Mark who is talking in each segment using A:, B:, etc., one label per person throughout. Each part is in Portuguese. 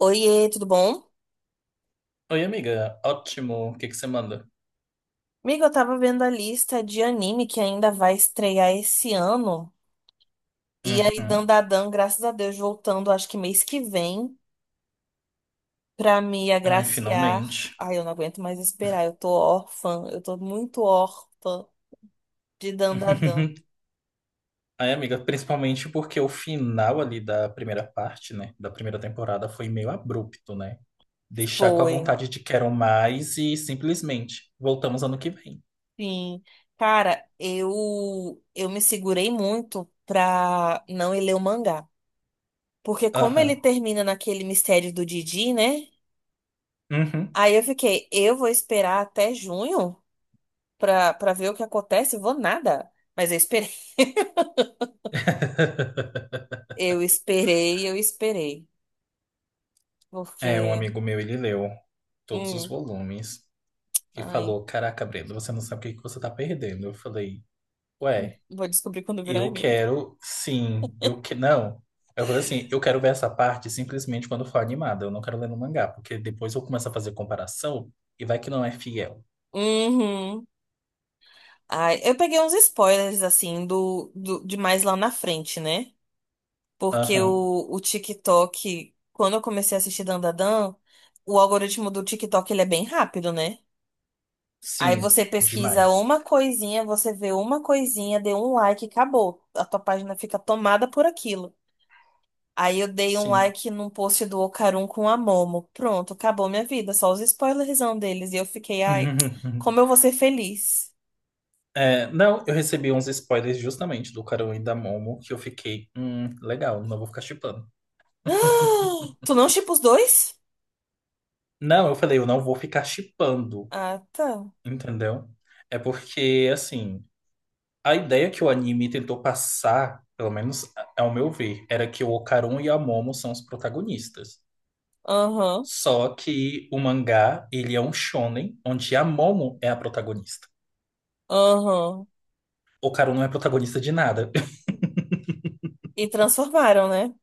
A: Oiê, tudo bom?
B: Oi, amiga. Ótimo. O que que você manda?
A: Amiga, eu tava vendo a lista de anime que ainda vai estrear esse ano. E aí,
B: Uhum.
A: Dandadan, graças a Deus, voltando, acho que mês que vem, pra me
B: Ai,
A: agraciar.
B: finalmente.
A: Ai, eu não aguento mais esperar, eu tô órfã, eu tô muito órfã de Dandadan.
B: Ai, amiga, principalmente porque o final ali da primeira parte, né? Da primeira temporada foi meio abrupto, né? Deixar com a
A: Foi.
B: vontade de quero mais e simplesmente voltamos ano que vem.
A: Sim. Cara, eu me segurei muito pra não ir ler o mangá. Porque como ele
B: Aham.
A: termina naquele mistério do Didi, né?
B: Uhum.
A: Aí eu fiquei, eu vou esperar até junho, pra ver o que acontece, vou nada. Mas eu esperei. Eu esperei, eu esperei.
B: É, um
A: Porque.
B: amigo meu, ele leu todos os
A: Hum,
B: volumes e
A: ai.
B: falou: Caraca, Brenda, você não sabe o que que você tá perdendo. Eu falei: Ué.
A: Vou descobrir quando virar
B: Eu
A: anime.
B: quero, sim. Eu que não. Eu falei assim, eu quero ver essa parte simplesmente quando for animada. Eu não quero ler no mangá, porque depois eu começo a fazer comparação e vai que não é fiel.
A: Uhum. Ai, eu peguei uns spoilers, assim, de mais lá na frente, né? Porque
B: Aham.
A: o TikTok, quando eu comecei a assistir Dandadan, o algoritmo do TikTok, ele é bem rápido, né? Aí
B: Sim,
A: você pesquisa
B: demais.
A: uma coisinha, você vê uma coisinha, deu um like, acabou. A tua página fica tomada por aquilo. Aí eu dei um
B: Sim.
A: like num post do Ocarum com a Momo. Pronto, acabou minha vida. Só os spoilerzão deles. E eu fiquei, ai, como eu vou ser feliz.
B: É, não, eu recebi uns spoilers justamente do Karou e da Momo que eu fiquei, legal, não vou ficar shippando.
A: Tu não shippa os dois?
B: Não, eu falei, eu não vou ficar shippando,
A: Ah, tá.
B: entendeu? É porque, assim, a ideia que o anime tentou passar, pelo menos ao meu ver, era que o Okarun e a Momo são os protagonistas.
A: Aham,
B: Só que o mangá, ele é um shonen onde a Momo é a protagonista.
A: aham.
B: O Okarun não é protagonista de nada.
A: E transformaram, né?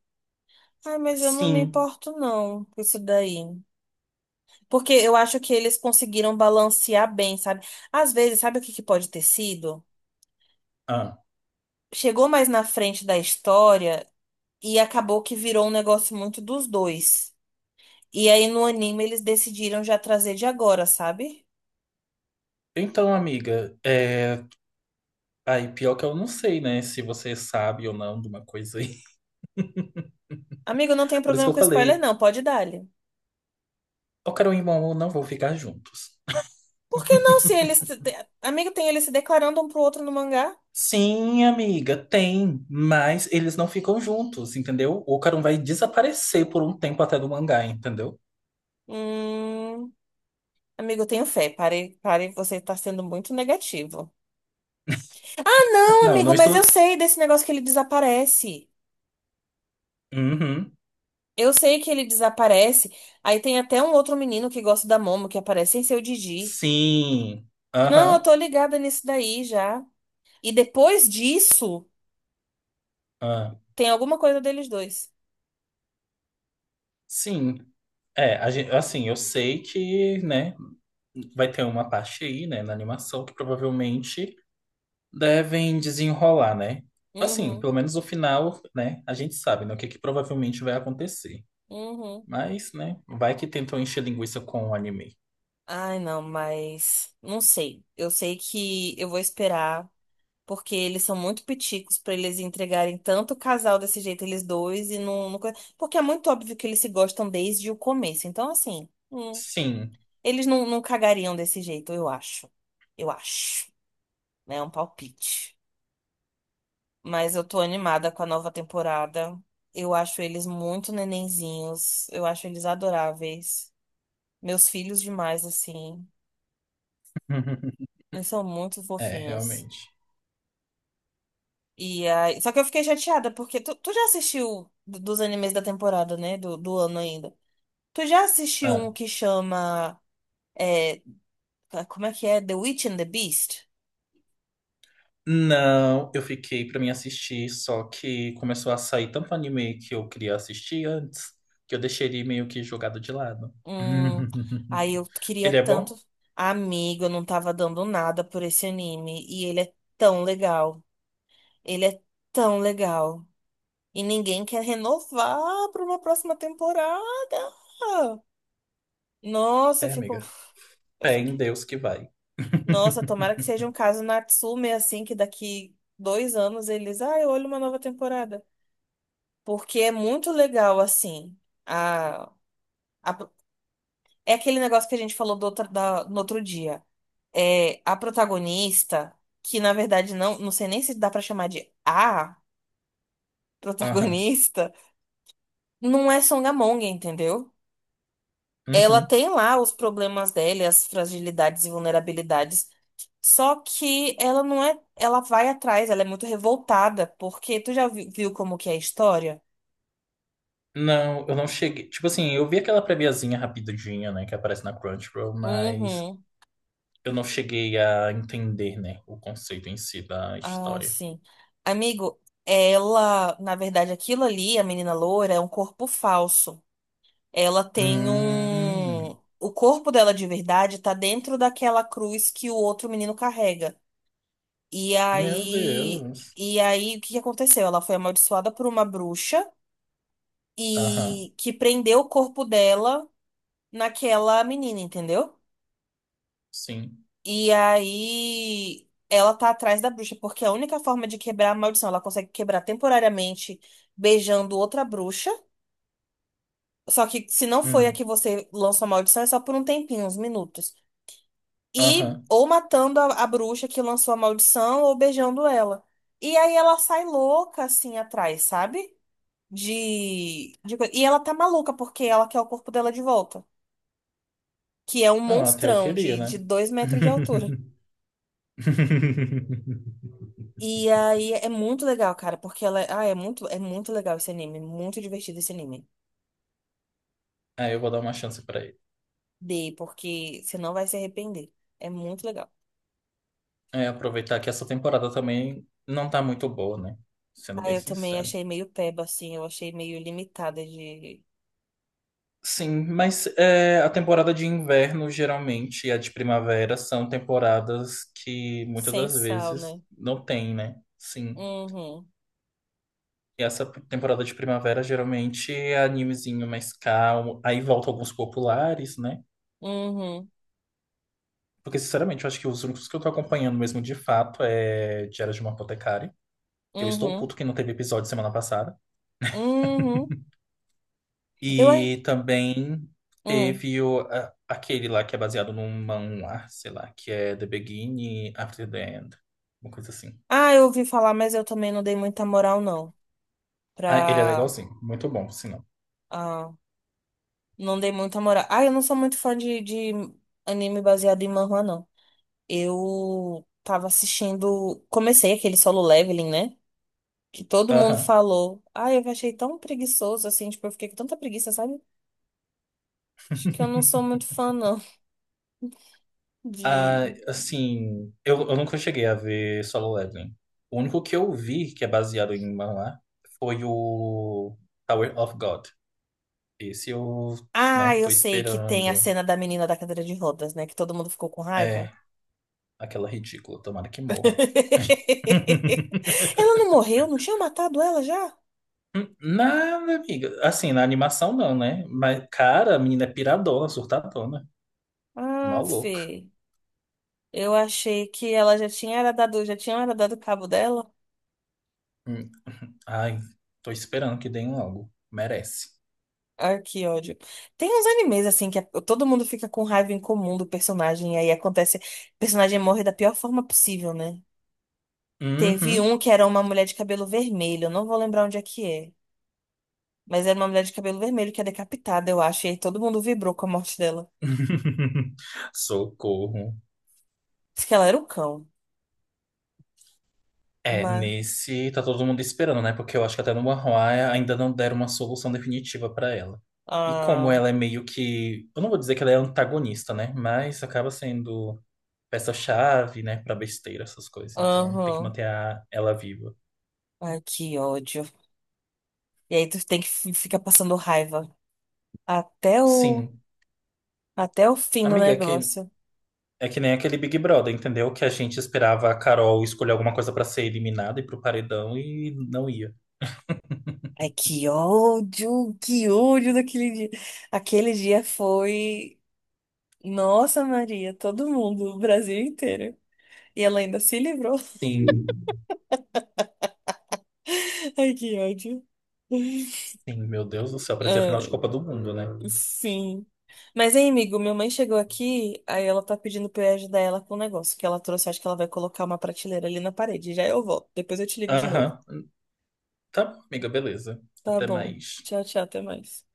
A: Ah, mas eu não me
B: Sim.
A: importo, não, com isso daí. Porque eu acho que eles conseguiram balancear bem, sabe? Às vezes, sabe o que que pode ter sido?
B: Ah.
A: Chegou mais na frente da história e acabou que virou um negócio muito dos dois. E aí no anime eles decidiram já trazer de agora, sabe?
B: Então, amiga, é... aí pior que eu não sei, né, se você sabe ou não de uma coisa aí.
A: Amigo, não tem
B: Por isso
A: problema
B: que eu
A: com spoiler,
B: falei,
A: não, pode dar-lhe.
B: Okarun e Momo não vão ficar juntos.
A: Por que não se eles. Amigo, tem eles se declarando um pro outro no mangá?
B: Sim, amiga, tem, mas eles não ficam juntos, entendeu? O Ocarum vai desaparecer por um tempo até do mangá, entendeu?
A: Hum. Amigo, eu tenho fé. Pare, pare, você tá sendo muito negativo. Ah, não,
B: Não, não
A: amigo, mas eu
B: estou.
A: sei desse negócio que ele desaparece.
B: Uhum.
A: Eu sei que ele desaparece. Aí tem até um outro menino que gosta da Momo que aparece sem ser o Didi.
B: Sim.
A: Não, eu
B: Aham.
A: tô ligada nisso daí já. E depois disso,
B: Ah,
A: tem alguma coisa deles dois.
B: sim. É, assim, eu sei que, né, vai ter uma parte aí, né, na animação que provavelmente devem desenrolar, né? Assim,
A: Uhum.
B: pelo menos o final, né, a gente sabe, né, o que que provavelmente vai acontecer.
A: Uhum.
B: Mas, né, vai que tentam encher linguiça com o anime.
A: Ai, não, mas não sei. Eu sei que eu vou esperar, porque eles são muito piticos pra eles entregarem tanto casal desse jeito, eles dois, e não, não. Porque é muito óbvio que eles se gostam desde o começo. Então, assim,
B: Sim.
A: eles não, não cagariam desse jeito, eu acho. Eu acho. Né? É um palpite. Mas eu tô animada com a nova temporada. Eu acho eles muito nenenzinhos. Eu acho eles adoráveis. Meus filhos demais, assim. Eles são muito
B: É,
A: fofinhos.
B: realmente.
A: E aí, só que eu fiquei chateada, porque tu já assistiu dos animes da temporada, né? Do ano ainda. Tu já assistiu um
B: Ah.
A: que chama. É, como é que é? The Witch and the Beast?
B: Não, eu fiquei pra mim assistir, só que começou a sair tanto anime que eu queria assistir antes, que eu deixei ele meio que jogado de lado.
A: Hum, Aí eu queria
B: Ele é
A: tanto.
B: bom?
A: Amigo, eu não tava dando nada por esse anime. E ele é tão legal. Ele é tão legal. E ninguém quer renovar para uma próxima temporada. Nossa, eu
B: É,
A: fico.
B: amiga.
A: Eu
B: Fé
A: só.
B: em Deus que vai.
A: Nossa, tomara que seja um caso Natsume, assim, que daqui 2 anos eles. Ah, eu olho uma nova temporada. Porque é muito legal, assim. A... a- É aquele negócio que a gente falou no outro dia. É a protagonista, que na verdade não. Não sei nem se dá pra chamar de a
B: Aham.
A: protagonista, não é Songamonga, entendeu? Ela
B: Uhum.
A: tem lá os problemas dela, e as fragilidades e vulnerabilidades. Só que ela não é. Ela vai atrás, ela é muito revoltada, porque tu já viu como que é a história?
B: Não, eu não cheguei. Tipo assim, eu vi aquela préviazinha rapidinha, né, que aparece na Crunchyroll, mas
A: Uhum.
B: eu não cheguei a entender, né, o conceito em si da
A: Ah,
B: história.
A: sim. Amigo, ela, na verdade, aquilo ali, a menina loura, é um corpo falso. Ela tem um.
B: Hum.
A: O corpo dela de verdade tá dentro daquela cruz que o outro menino carrega. E
B: Meu
A: aí.
B: Deus.
A: E aí, o que que aconteceu? Ela foi amaldiçoada por uma bruxa.
B: Aham,
A: e que prendeu o corpo dela naquela menina, entendeu?
B: sim.
A: E aí ela tá atrás da bruxa, porque a única forma de quebrar a maldição, ela consegue quebrar temporariamente beijando outra bruxa. Só que se não foi a que
B: Hum,
A: você lançou a maldição, é só por um tempinho, uns minutos. E
B: aham.
A: ou matando a bruxa que lançou a maldição ou beijando ela. E aí ela sai louca assim atrás, sabe? E ela tá maluca porque ela quer o corpo dela de volta. Que é um
B: Não, até eu
A: monstrão
B: queria,
A: de
B: né?
A: 2 metros de altura. E aí é muito legal, cara, porque ela. Ah, é muito legal esse anime. Muito divertido esse anime.
B: É, eu vou dar uma chance pra ele.
A: Dei, porque você não vai se arrepender. É muito legal.
B: É, aproveitar que essa temporada também não tá muito boa, né? Sendo
A: Ah,
B: bem
A: eu também
B: sincero.
A: achei meio peba, assim. Eu achei meio limitada de.
B: Sim, mas é, a temporada de inverno, geralmente, e a de primavera são temporadas que muitas
A: Sem
B: das
A: sal,
B: vezes
A: né?
B: não tem, né? Sim.
A: Uhum.
B: E essa temporada de primavera geralmente é animezinho mais calmo. Aí volta alguns populares, né?
A: Uhum.
B: Porque, sinceramente, eu acho que os únicos que eu tô acompanhando mesmo de fato é Diário de uma Apotecária, que eu estou puto
A: Uhum.
B: que não teve episódio semana passada.
A: Uhum. Eu. a-
B: E também
A: Hum.
B: teve aquele lá que é baseado num manhwa, sei lá, que é The Beginning After the End, uma coisa assim.
A: Ah, eu ouvi falar, mas eu também não dei muita moral, não.
B: Ah, ele é
A: Pra.
B: legalzinho, muito bom, por sinal.
A: ah, Não dei muita moral. Ah, eu não sou muito fã de anime baseado em manhwa, não. Eu tava assistindo. Comecei aquele Solo Leveling, né? Que todo mundo
B: Aham.
A: falou. Ah, eu achei tão preguiçoso assim. Tipo, eu fiquei com tanta preguiça, sabe? Acho que eu não sou muito fã, não.
B: Ah,
A: De.
B: assim, eu nunca cheguei a ver Solo Leveling. O único que eu vi que é baseado em manhwa foi o Tower of God. Esse eu,
A: Ah,
B: né, tô
A: eu sei que tem a
B: esperando.
A: cena da menina da cadeira de rodas, né? Que todo mundo ficou com raiva.
B: É, aquela ridícula, tomara que morra.
A: Ela não morreu? Não tinha matado ela já?
B: Nada, amiga. Assim, na animação não, né? Mas, cara, a menina é piradona, surtadona,
A: Ah,
B: maluca.
A: Fê. Eu achei que ela já tinha era dado, já tinha era dado cabo dela.
B: Hum. Ai, tô esperando que deem logo. Merece.
A: Ai, que ódio. Tem uns animes assim que todo mundo fica com raiva em comum do personagem e aí acontece, o personagem morre da pior forma possível, né? Teve
B: Uhum.
A: um que era uma mulher de cabelo vermelho, eu não vou lembrar onde é que é, mas era uma mulher de cabelo vermelho que é decapitada, eu acho, e aí todo mundo vibrou com a morte dela.
B: Socorro.
A: Diz que ela era o cão,
B: É,
A: mas
B: nesse tá todo mundo esperando, né? Porque eu acho que até no One ainda não deram uma solução definitiva pra ela. E como
A: ah,
B: ela é meio que, eu não vou dizer que ela é antagonista, né? Mas acaba sendo peça-chave, né, pra besteira essas coisas. Então, tem que
A: aham.
B: ela viva.
A: Ai, que ódio. E aí tu tem que ficar passando raiva até o
B: Sim.
A: Até o fim do
B: Amiga,
A: negócio.
B: é que nem aquele Big Brother, entendeu? Que a gente esperava a Carol escolher alguma coisa pra ser eliminada e pro paredão e não ia.
A: Ai, que ódio daquele dia. Aquele dia foi. Nossa, Maria, todo mundo, o Brasil inteiro. E ela ainda se livrou.
B: Sim.
A: Ai, que ódio.
B: Sim, meu Deus do céu, parecia a final de
A: Ai,
B: Copa do Mundo, né?
A: sim. Mas, hein, amigo, minha mãe chegou aqui, aí ela tá pedindo pra eu ajudar ela com o negócio que ela trouxe. Acho que ela vai colocar uma prateleira ali na parede. Já eu volto. Depois eu te ligo de novo.
B: Aham. Tá bom, amiga, beleza.
A: Tá
B: Até
A: bom.
B: mais.
A: Tchau, tchau, até mais.